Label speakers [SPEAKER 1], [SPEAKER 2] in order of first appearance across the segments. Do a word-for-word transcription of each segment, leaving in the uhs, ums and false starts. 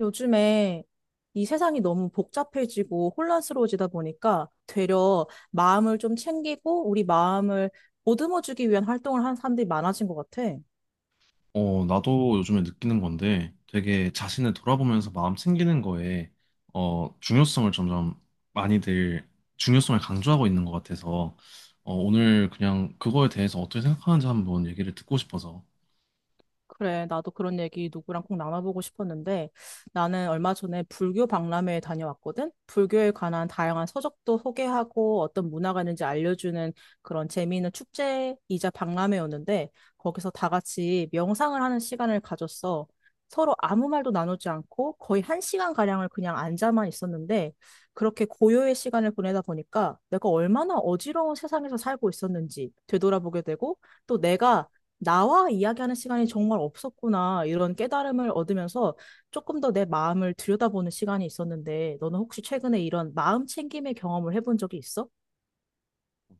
[SPEAKER 1] 요즘에 이 세상이 너무 복잡해지고 혼란스러워지다 보니까 되려 마음을 좀 챙기고 우리 마음을 보듬어주기 위한 활동을 하는 사람들이 많아진 것 같아.
[SPEAKER 2] 어, 나도 요즘에 느끼는 건데 되게 자신을 돌아보면서 마음 챙기는 거에 어, 중요성을 점점 많이들 중요성을 강조하고 있는 것 같아서 어, 오늘 그냥 그거에 대해서 어떻게 생각하는지 한번 얘기를 듣고 싶어서.
[SPEAKER 1] 그래, 나도 그런 얘기 누구랑 꼭 나눠보고 싶었는데, 나는 얼마 전에 불교 박람회에 다녀왔거든? 불교에 관한 다양한 서적도 소개하고 어떤 문화가 있는지 알려주는 그런 재미있는 축제이자 박람회였는데, 거기서 다 같이 명상을 하는 시간을 가졌어. 서로 아무 말도 나누지 않고 거의 한 시간가량을 그냥 앉아만 있었는데, 그렇게 고요의 시간을 보내다 보니까 내가 얼마나 어지러운 세상에서 살고 있었는지 되돌아보게 되고, 또 내가 나와 이야기하는 시간이 정말 없었구나, 이런 깨달음을 얻으면서 조금 더 내 마음을 들여다보는 시간이 있었는데, 너는 혹시 최근에 이런 마음 챙김의 경험을 해본 적이 있어?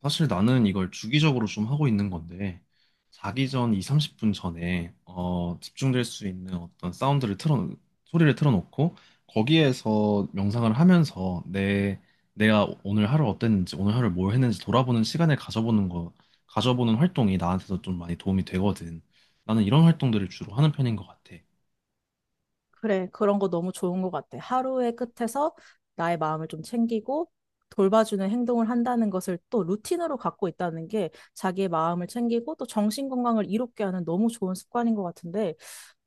[SPEAKER 2] 사실 나는 이걸 주기적으로 좀 하고 있는 건데, 자기 전 이, 삼십 분 전에, 어, 집중될 수 있는 어떤 사운드를 틀어, 소리를 틀어놓고, 거기에서 명상을 하면서 내, 내가 오늘 하루 어땠는지, 오늘 하루 뭘 했는지 돌아보는 시간을 가져보는 거, 가져보는 활동이 나한테도 좀 많이 도움이 되거든. 나는 이런 활동들을 주로 하는 편인 것 같아.
[SPEAKER 1] 그래, 그런 거 너무 좋은 것 같아. 하루의 끝에서 나의 마음을 좀 챙기고 돌봐주는 행동을 한다는 것을 또 루틴으로 갖고 있다는 게, 자기의 마음을 챙기고 또 정신 건강을 이롭게 하는 너무 좋은 습관인 것 같은데,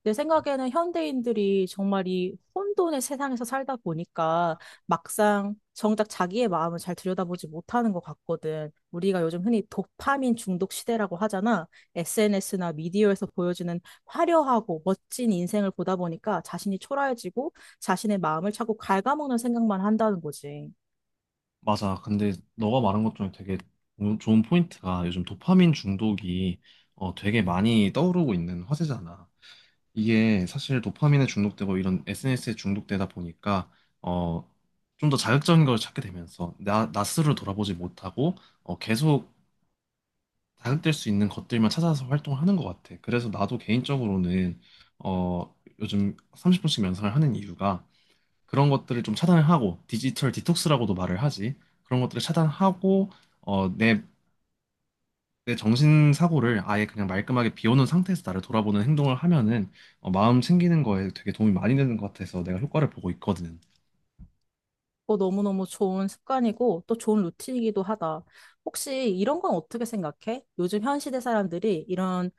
[SPEAKER 1] 내 생각에는 현대인들이 정말 이 혼돈의 세상에서 살다 보니까 막상 정작 자기의 마음을 잘 들여다보지 못하는 것 같거든. 우리가 요즘 흔히 도파민 중독 시대라고 하잖아. 에스엔에스나 미디어에서 보여주는 화려하고 멋진 인생을 보다 보니까 자신이 초라해지고 자신의 마음을 자꾸 갉아먹는 생각만 한다는 거지.
[SPEAKER 2] 맞아. 근데 너가 말한 것 중에 되게 조- 좋은 포인트가 요즘 도파민 중독이 어, 되게 많이 떠오르고 있는 화제잖아. 이게 사실 도파민에 중독되고 이런 에스엔에스에 중독되다 보니까 어, 좀 더 자극적인 걸 찾게 되면서 나, 나 스스로 돌아보지 못하고 어, 계속 자극될 수 있는 것들만 찾아서 활동을 하는 것 같아. 그래서 나도 개인적으로는 어, 요즘 삼십 분씩 명상을 하는 이유가 그런 것들을 좀 차단을 하고 디지털 디톡스라고도 말을 하지. 그런 것들을 차단하고 어, 내 내 정신사고를 아예 그냥 말끔하게 비워놓은 상태에서 나를 돌아보는 행동을 하면은 어, 마음 챙기는 거에 되게 도움이 많이 되는 것 같아서 내가 효과를 보고 있거든.
[SPEAKER 1] 어, 너무너무 좋은 습관이고 또 좋은 루틴이기도 하다. 혹시 이런 건 어떻게 생각해? 요즘 현 시대 사람들이 이런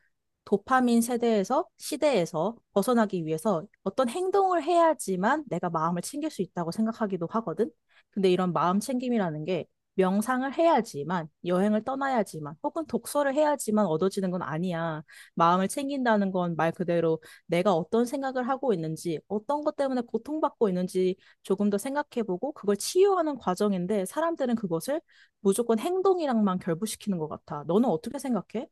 [SPEAKER 1] 도파민 세대에서 시대에서 벗어나기 위해서 어떤 행동을 해야지만 내가 마음을 챙길 수 있다고 생각하기도 하거든. 근데 이런 마음 챙김이라는 게 명상을 해야지만, 여행을 떠나야지만, 혹은 독서를 해야지만 얻어지는 건 아니야. 마음을 챙긴다는 건 말 그대로 내가 어떤 생각을 하고 있는지, 어떤 것 때문에 고통받고 있는지 조금 더 생각해보고 그걸 치유하는 과정인데, 사람들은 그것을 무조건 행동이랑만 결부시키는 것 같아. 너는 어떻게 생각해?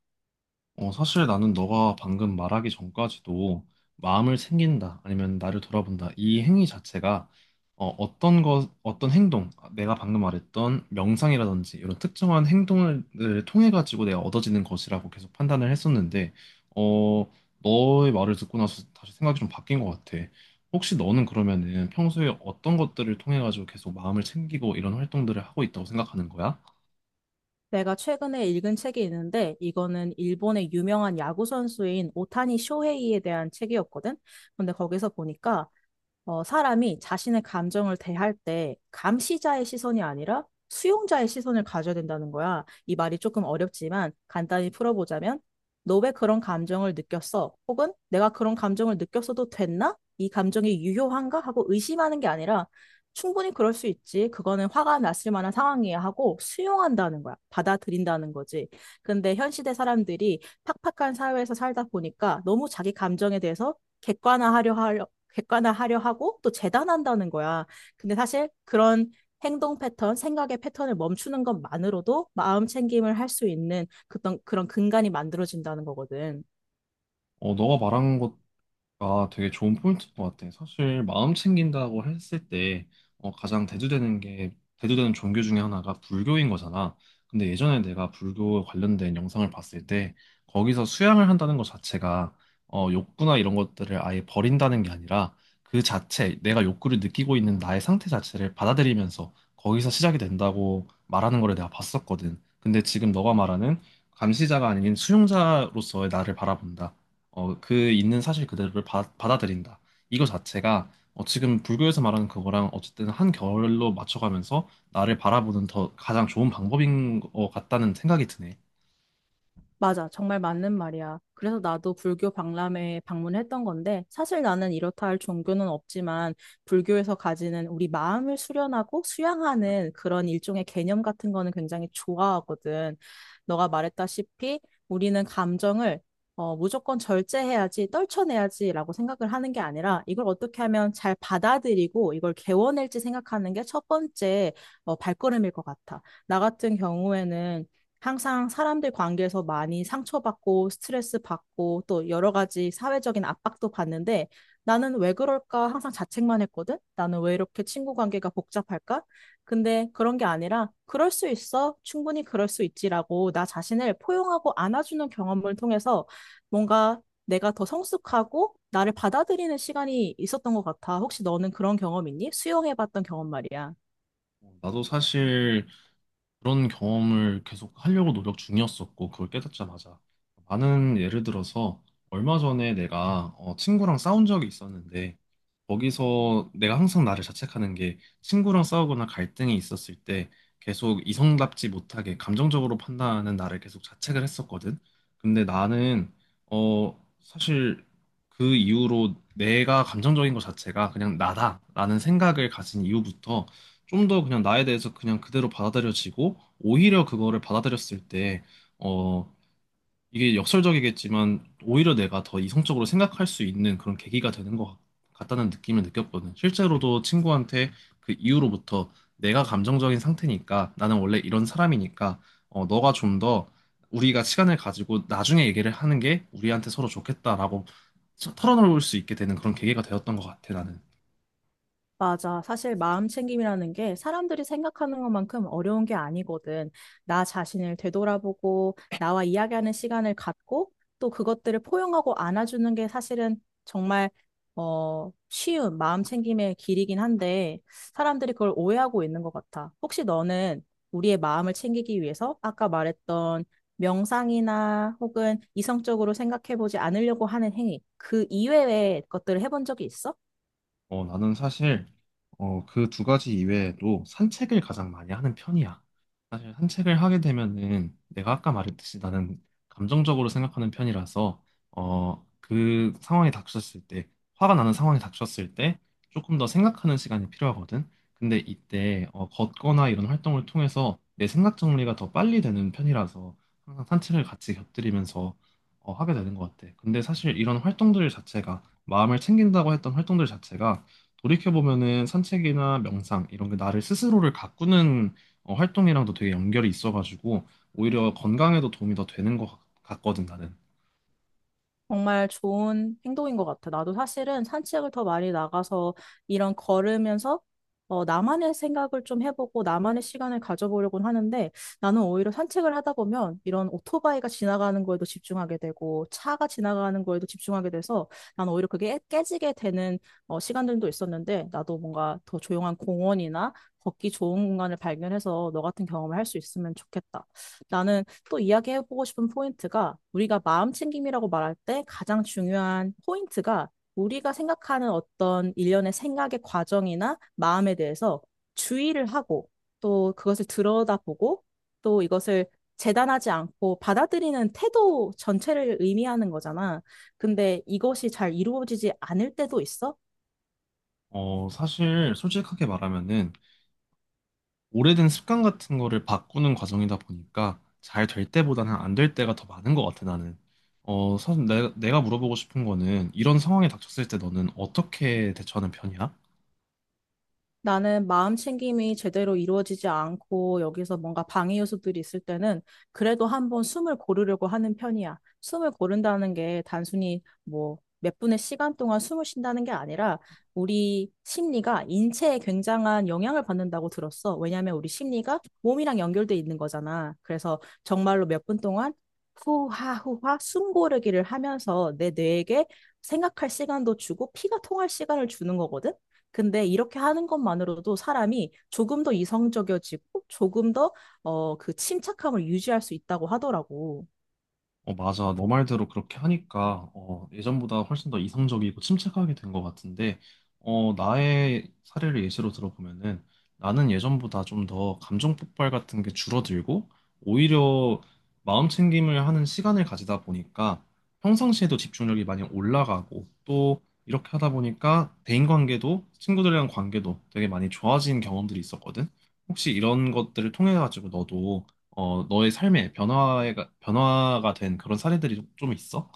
[SPEAKER 2] 어, 사실 나는 너가 방금 말하기 전까지도 마음을 챙긴다, 아니면 나를 돌아본다, 이 행위 자체가 어, 어떤 것, 어떤 행동, 아, 내가 방금 말했던 명상이라든지 이런 특정한 행동을 통해 가지고 내가 얻어지는 것이라고 계속 판단을 했었는데, 어, 너의 말을 듣고 나서 다시 생각이 좀 바뀐 것 같아. 혹시 너는 그러면은 평소에 어떤 것들을 통해 가지고 계속 마음을 챙기고 이런 활동들을 하고 있다고 생각하는 거야?
[SPEAKER 1] 내가 최근에 읽은 책이 있는데, 이거는 일본의 유명한 야구 선수인 오타니 쇼헤이에 대한 책이었거든. 근데 거기서 보니까 어, 사람이 자신의 감정을 대할 때 감시자의 시선이 아니라 수용자의 시선을 가져야 된다는 거야. 이 말이 조금 어렵지만 간단히 풀어보자면, 너 왜 그런 감정을 느꼈어? 혹은 내가 그런 감정을 느꼈어도 됐나? 이 감정이 유효한가? 하고 의심하는 게 아니라 충분히 그럴 수 있지, 그거는 화가 났을 만한 상황이야 하고 수용한다는 거야. 받아들인다는 거지. 근데 현 시대 사람들이 팍팍한 사회에서 살다 보니까 너무 자기 감정에 대해서 객관화하려 객관화하려 하고 또 재단한다는 거야. 근데 사실 그런 행동 패턴, 생각의 패턴을 멈추는 것만으로도 마음 챙김을 할 수 있는 그런, 그런 근간이 만들어진다는 거거든.
[SPEAKER 2] 어, 너가 말한 것, 아, 되게 좋은 포인트인 것 같아. 사실 마음 챙긴다고 했을 때 어, 가장 대두되는 게 대두되는 종교 중에 하나가 불교인 거잖아. 근데 예전에 내가 불교 관련된 영상을 봤을 때 거기서 수양을 한다는 것 자체가 어, 욕구나 이런 것들을 아예 버린다는 게 아니라 그 자체 내가 욕구를 느끼고 있는 나의 상태 자체를 받아들이면서 거기서 시작이 된다고 말하는 거를 내가 봤었거든. 근데 지금 너가 말하는 감시자가 아닌 수용자로서의 나를 바라본다. 어, 그 있는 사실 그대로를 받, 아들인다 이거 자체가 어, 지금 불교에서 말하는 그거랑 어쨌든 한 결로 맞춰가면서 나를 바라보는 더 가장 좋은 방법인 것 같다는 생각이 드네.
[SPEAKER 1] 맞아. 정말 맞는 말이야. 그래서 나도 불교 박람회에 방문했던 건데, 사실 나는 이렇다 할 종교는 없지만, 불교에서 가지는 우리 마음을 수련하고 수양하는 그런 일종의 개념 같은 거는 굉장히 좋아하거든. 너가 말했다시피, 우리는 감정을 어, 무조건 절제해야지, 떨쳐내야지라고 생각을 하는 게 아니라, 이걸 어떻게 하면 잘 받아들이고, 이걸 개워낼지 생각하는 게 첫 번째 어, 발걸음일 것 같아. 나 같은 경우에는 항상 사람들 관계에서 많이 상처받고 스트레스 받고 또 여러 가지 사회적인 압박도 받는데, 나는 왜 그럴까 항상 자책만 했거든? 나는 왜 이렇게 친구 관계가 복잡할까? 근데 그런 게 아니라, 그럴 수 있어, 충분히 그럴 수 있지라고 나 자신을 포용하고 안아주는 경험을 통해서 뭔가 내가 더 성숙하고 나를 받아들이는 시간이 있었던 것 같아. 혹시 너는 그런 경험 있니? 수용해봤던 경험 말이야.
[SPEAKER 2] 어, 나도 사실 그런 경험을 계속 하려고 노력 중이었었고, 그걸 깨닫자마자. 많은 예를 들어서, 얼마 전에 내가 어, 친구랑 싸운 적이 있었는데, 거기서 내가 항상 나를 자책하는 게, 친구랑 싸우거나 갈등이 있었을 때, 계속 이성답지 못하게 감정적으로 판단하는 나를 계속 자책을 했었거든. 근데 나는, 어, 사실 그 이후로 내가 감정적인 것 자체가 그냥 나다라는 생각을 가진 이후부터, 좀 더 그냥 나에 대해서 그냥 그대로 받아들여지고 오히려 그거를 받아들였을 때 어, 이게 역설적이겠지만 오히려 내가 더 이성적으로 생각할 수 있는 그런 계기가 되는 것 같- 같다는 느낌을 느꼈거든. 실제로도 친구한테 그 이후로부터 내가 감정적인 상태니까 나는 원래 이런 사람이니까 어, 너가 좀 더 우리가 시간을 가지고 나중에 얘기를 하는 게 우리한테 서로 좋겠다라고 털어놓을 수 있게 되는 그런 계기가 되었던 것 같아 나는.
[SPEAKER 1] 맞아. 사실 마음 챙김이라는 게 사람들이 생각하는 것만큼 어려운 게 아니거든. 나 자신을 되돌아보고 나와 이야기하는 시간을 갖고 또 그것들을 포용하고 안아주는 게 사실은 정말 어, 쉬운 마음 챙김의 길이긴 한데, 사람들이 그걸 오해하고 있는 것 같아. 혹시 너는 우리의 마음을 챙기기 위해서 아까 말했던 명상이나 혹은 이성적으로 생각해보지 않으려고 하는 행위, 그 이외의 것들을 해본 적이 있어?
[SPEAKER 2] 어, 나는 사실 어, 그 두 가지 이외에도 산책을 가장 많이 하는 편이야. 사실 산책을 하게 되면은 내가 아까 말했듯이 나는 감정적으로 생각하는 편이라서 어, 그 상황이 닥쳤을 때 화가 나는 상황이 닥쳤을 때 조금 더 생각하는 시간이 필요하거든. 근데 이때 어, 걷거나 이런 활동을 통해서 내 생각 정리가 더 빨리 되는 편이라서 항상 산책을 같이 곁들이면서 어, 하게 되는 것 같아. 근데 사실 이런 활동들 자체가 마음을 챙긴다고 했던 활동들 자체가 돌이켜보면은 산책이나 명상 이런 게 나를 스스로를 가꾸는 어, 활동이랑도 되게 연결이 있어가지고 오히려 건강에도 도움이 더 되는 것 같- 같거든 나는.
[SPEAKER 1] 정말 좋은 행동인 것 같아. 나도 사실은 산책을 더 많이 나가서 이런 걸으면서 어, 나만의 생각을 좀 해보고 나만의 시간을 가져보려고는 하는데, 나는 오히려 산책을 하다 보면 이런 오토바이가 지나가는 거에도 집중하게 되고 차가 지나가는 거에도 집중하게 돼서 나는 오히려 그게 깨- 깨지게 되는 어, 시간들도 있었는데, 나도 뭔가 더 조용한 공원이나 걷기 좋은 공간을 발견해서 너 같은 경험을 할 수 있으면 좋겠다. 나는 또 이야기해보고 싶은 포인트가, 우리가 마음 챙김이라고 말할 때 가장 중요한 포인트가 우리가 생각하는 어떤 일련의 생각의 과정이나 마음에 대해서 주의를 하고 또 그것을 들여다보고 또 이것을 재단하지 않고 받아들이는 태도 전체를 의미하는 거잖아. 근데 이것이 잘 이루어지지 않을 때도 있어?
[SPEAKER 2] 어, 사실 솔직하게 말하면은 오래된 습관 같은 거를 바꾸는 과정이다 보니까 잘 될 때보다는 안 될 때가 더 많은 것 같아 나는. 어, 사실 내, 내가 물어보고 싶은 거는 이런 상황에 닥쳤을 때 너는 어떻게 대처하는 편이야?
[SPEAKER 1] 나는 마음 챙김이 제대로 이루어지지 않고 여기서 뭔가 방해 요소들이 있을 때는 그래도 한번 숨을 고르려고 하는 편이야. 숨을 고른다는 게 단순히 뭐 몇 분의 시간 동안 숨을 쉰다는 게 아니라, 우리 심리가 인체에 굉장한 영향을 받는다고 들었어. 왜냐하면 우리 심리가 몸이랑 연결돼 있는 거잖아. 그래서 정말로 몇 분 동안 후하 후하 숨 고르기를 하면서 내 뇌에게 생각할 시간도 주고 피가 통할 시간을 주는 거거든. 근데 이렇게 하는 것만으로도 사람이 조금 더 이성적이어지고 조금 더 어, 그 침착함을 유지할 수 있다고 하더라고.
[SPEAKER 2] 어, 맞아. 너 말대로 그렇게 하니까, 어, 예전보다 훨씬 더 이성적이고 침착하게 된 것 같은데, 어, 나의 사례를 예시로 들어보면은, 나는 예전보다 좀 더 감정 폭발 같은 게 줄어들고, 오히려 마음 챙김을 하는 시간을 가지다 보니까, 평상시에도 집중력이 많이 올라가고, 또 이렇게 하다 보니까 대인관계도, 친구들이랑 관계도 되게 많이 좋아진 경험들이 있었거든. 혹시 이런 것들을 통해 가지고 너도 어, 너의 삶에 변화가, 변화가 된 그런 사례들이 좀좀 있어?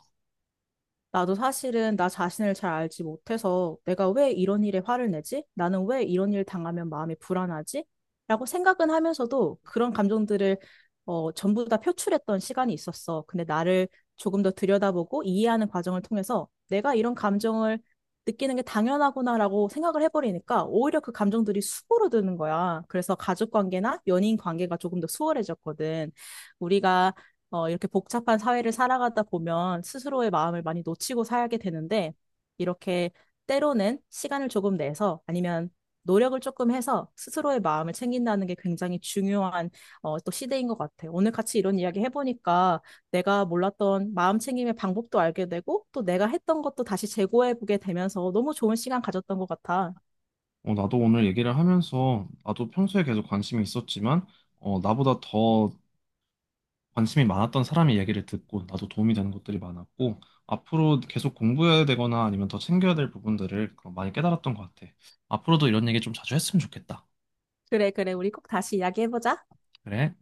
[SPEAKER 1] 나도 사실은 나 자신을 잘 알지 못해서 내가 왜 이런 일에 화를 내지? 나는 왜 이런 일 당하면 마음이 불안하지? 라고 생각은 하면서도 그런 감정들을 어, 전부 다 표출했던 시간이 있었어. 근데 나를 조금 더 들여다보고 이해하는 과정을 통해서 내가 이런 감정을 느끼는 게 당연하구나라고 생각을 해버리니까 오히려 그 감정들이 수그러드는 거야. 그래서 가족 관계나 연인 관계가 조금 더 수월해졌거든. 우리가 어, 이렇게 복잡한 사회를 살아가다 보면 스스로의 마음을 많이 놓치고 살게 되는데, 이렇게 때로는 시간을 조금 내서 아니면 노력을 조금 해서 스스로의 마음을 챙긴다는 게 굉장히 중요한 어, 또 시대인 것 같아요. 오늘 같이 이런 이야기 해보니까 내가 몰랐던 마음 챙김의 방법도 알게 되고 또 내가 했던 것도 다시 재고해보게 되면서 너무 좋은 시간 가졌던 것 같아.
[SPEAKER 2] 어, 나도 오늘 얘기를 하면서 나도 평소에 계속 관심이 있었지만 어, 나보다 더 관심이 많았던 사람의 얘기를 듣고 나도 도움이 되는 것들이 많았고 앞으로 계속 공부해야 되거나 아니면 더 챙겨야 될 부분들을 많이 깨달았던 것 같아. 앞으로도 이런 얘기 좀 자주 했으면 좋겠다.
[SPEAKER 1] 그래, 그래. 우리 꼭 다시 이야기해보자.
[SPEAKER 2] 그래.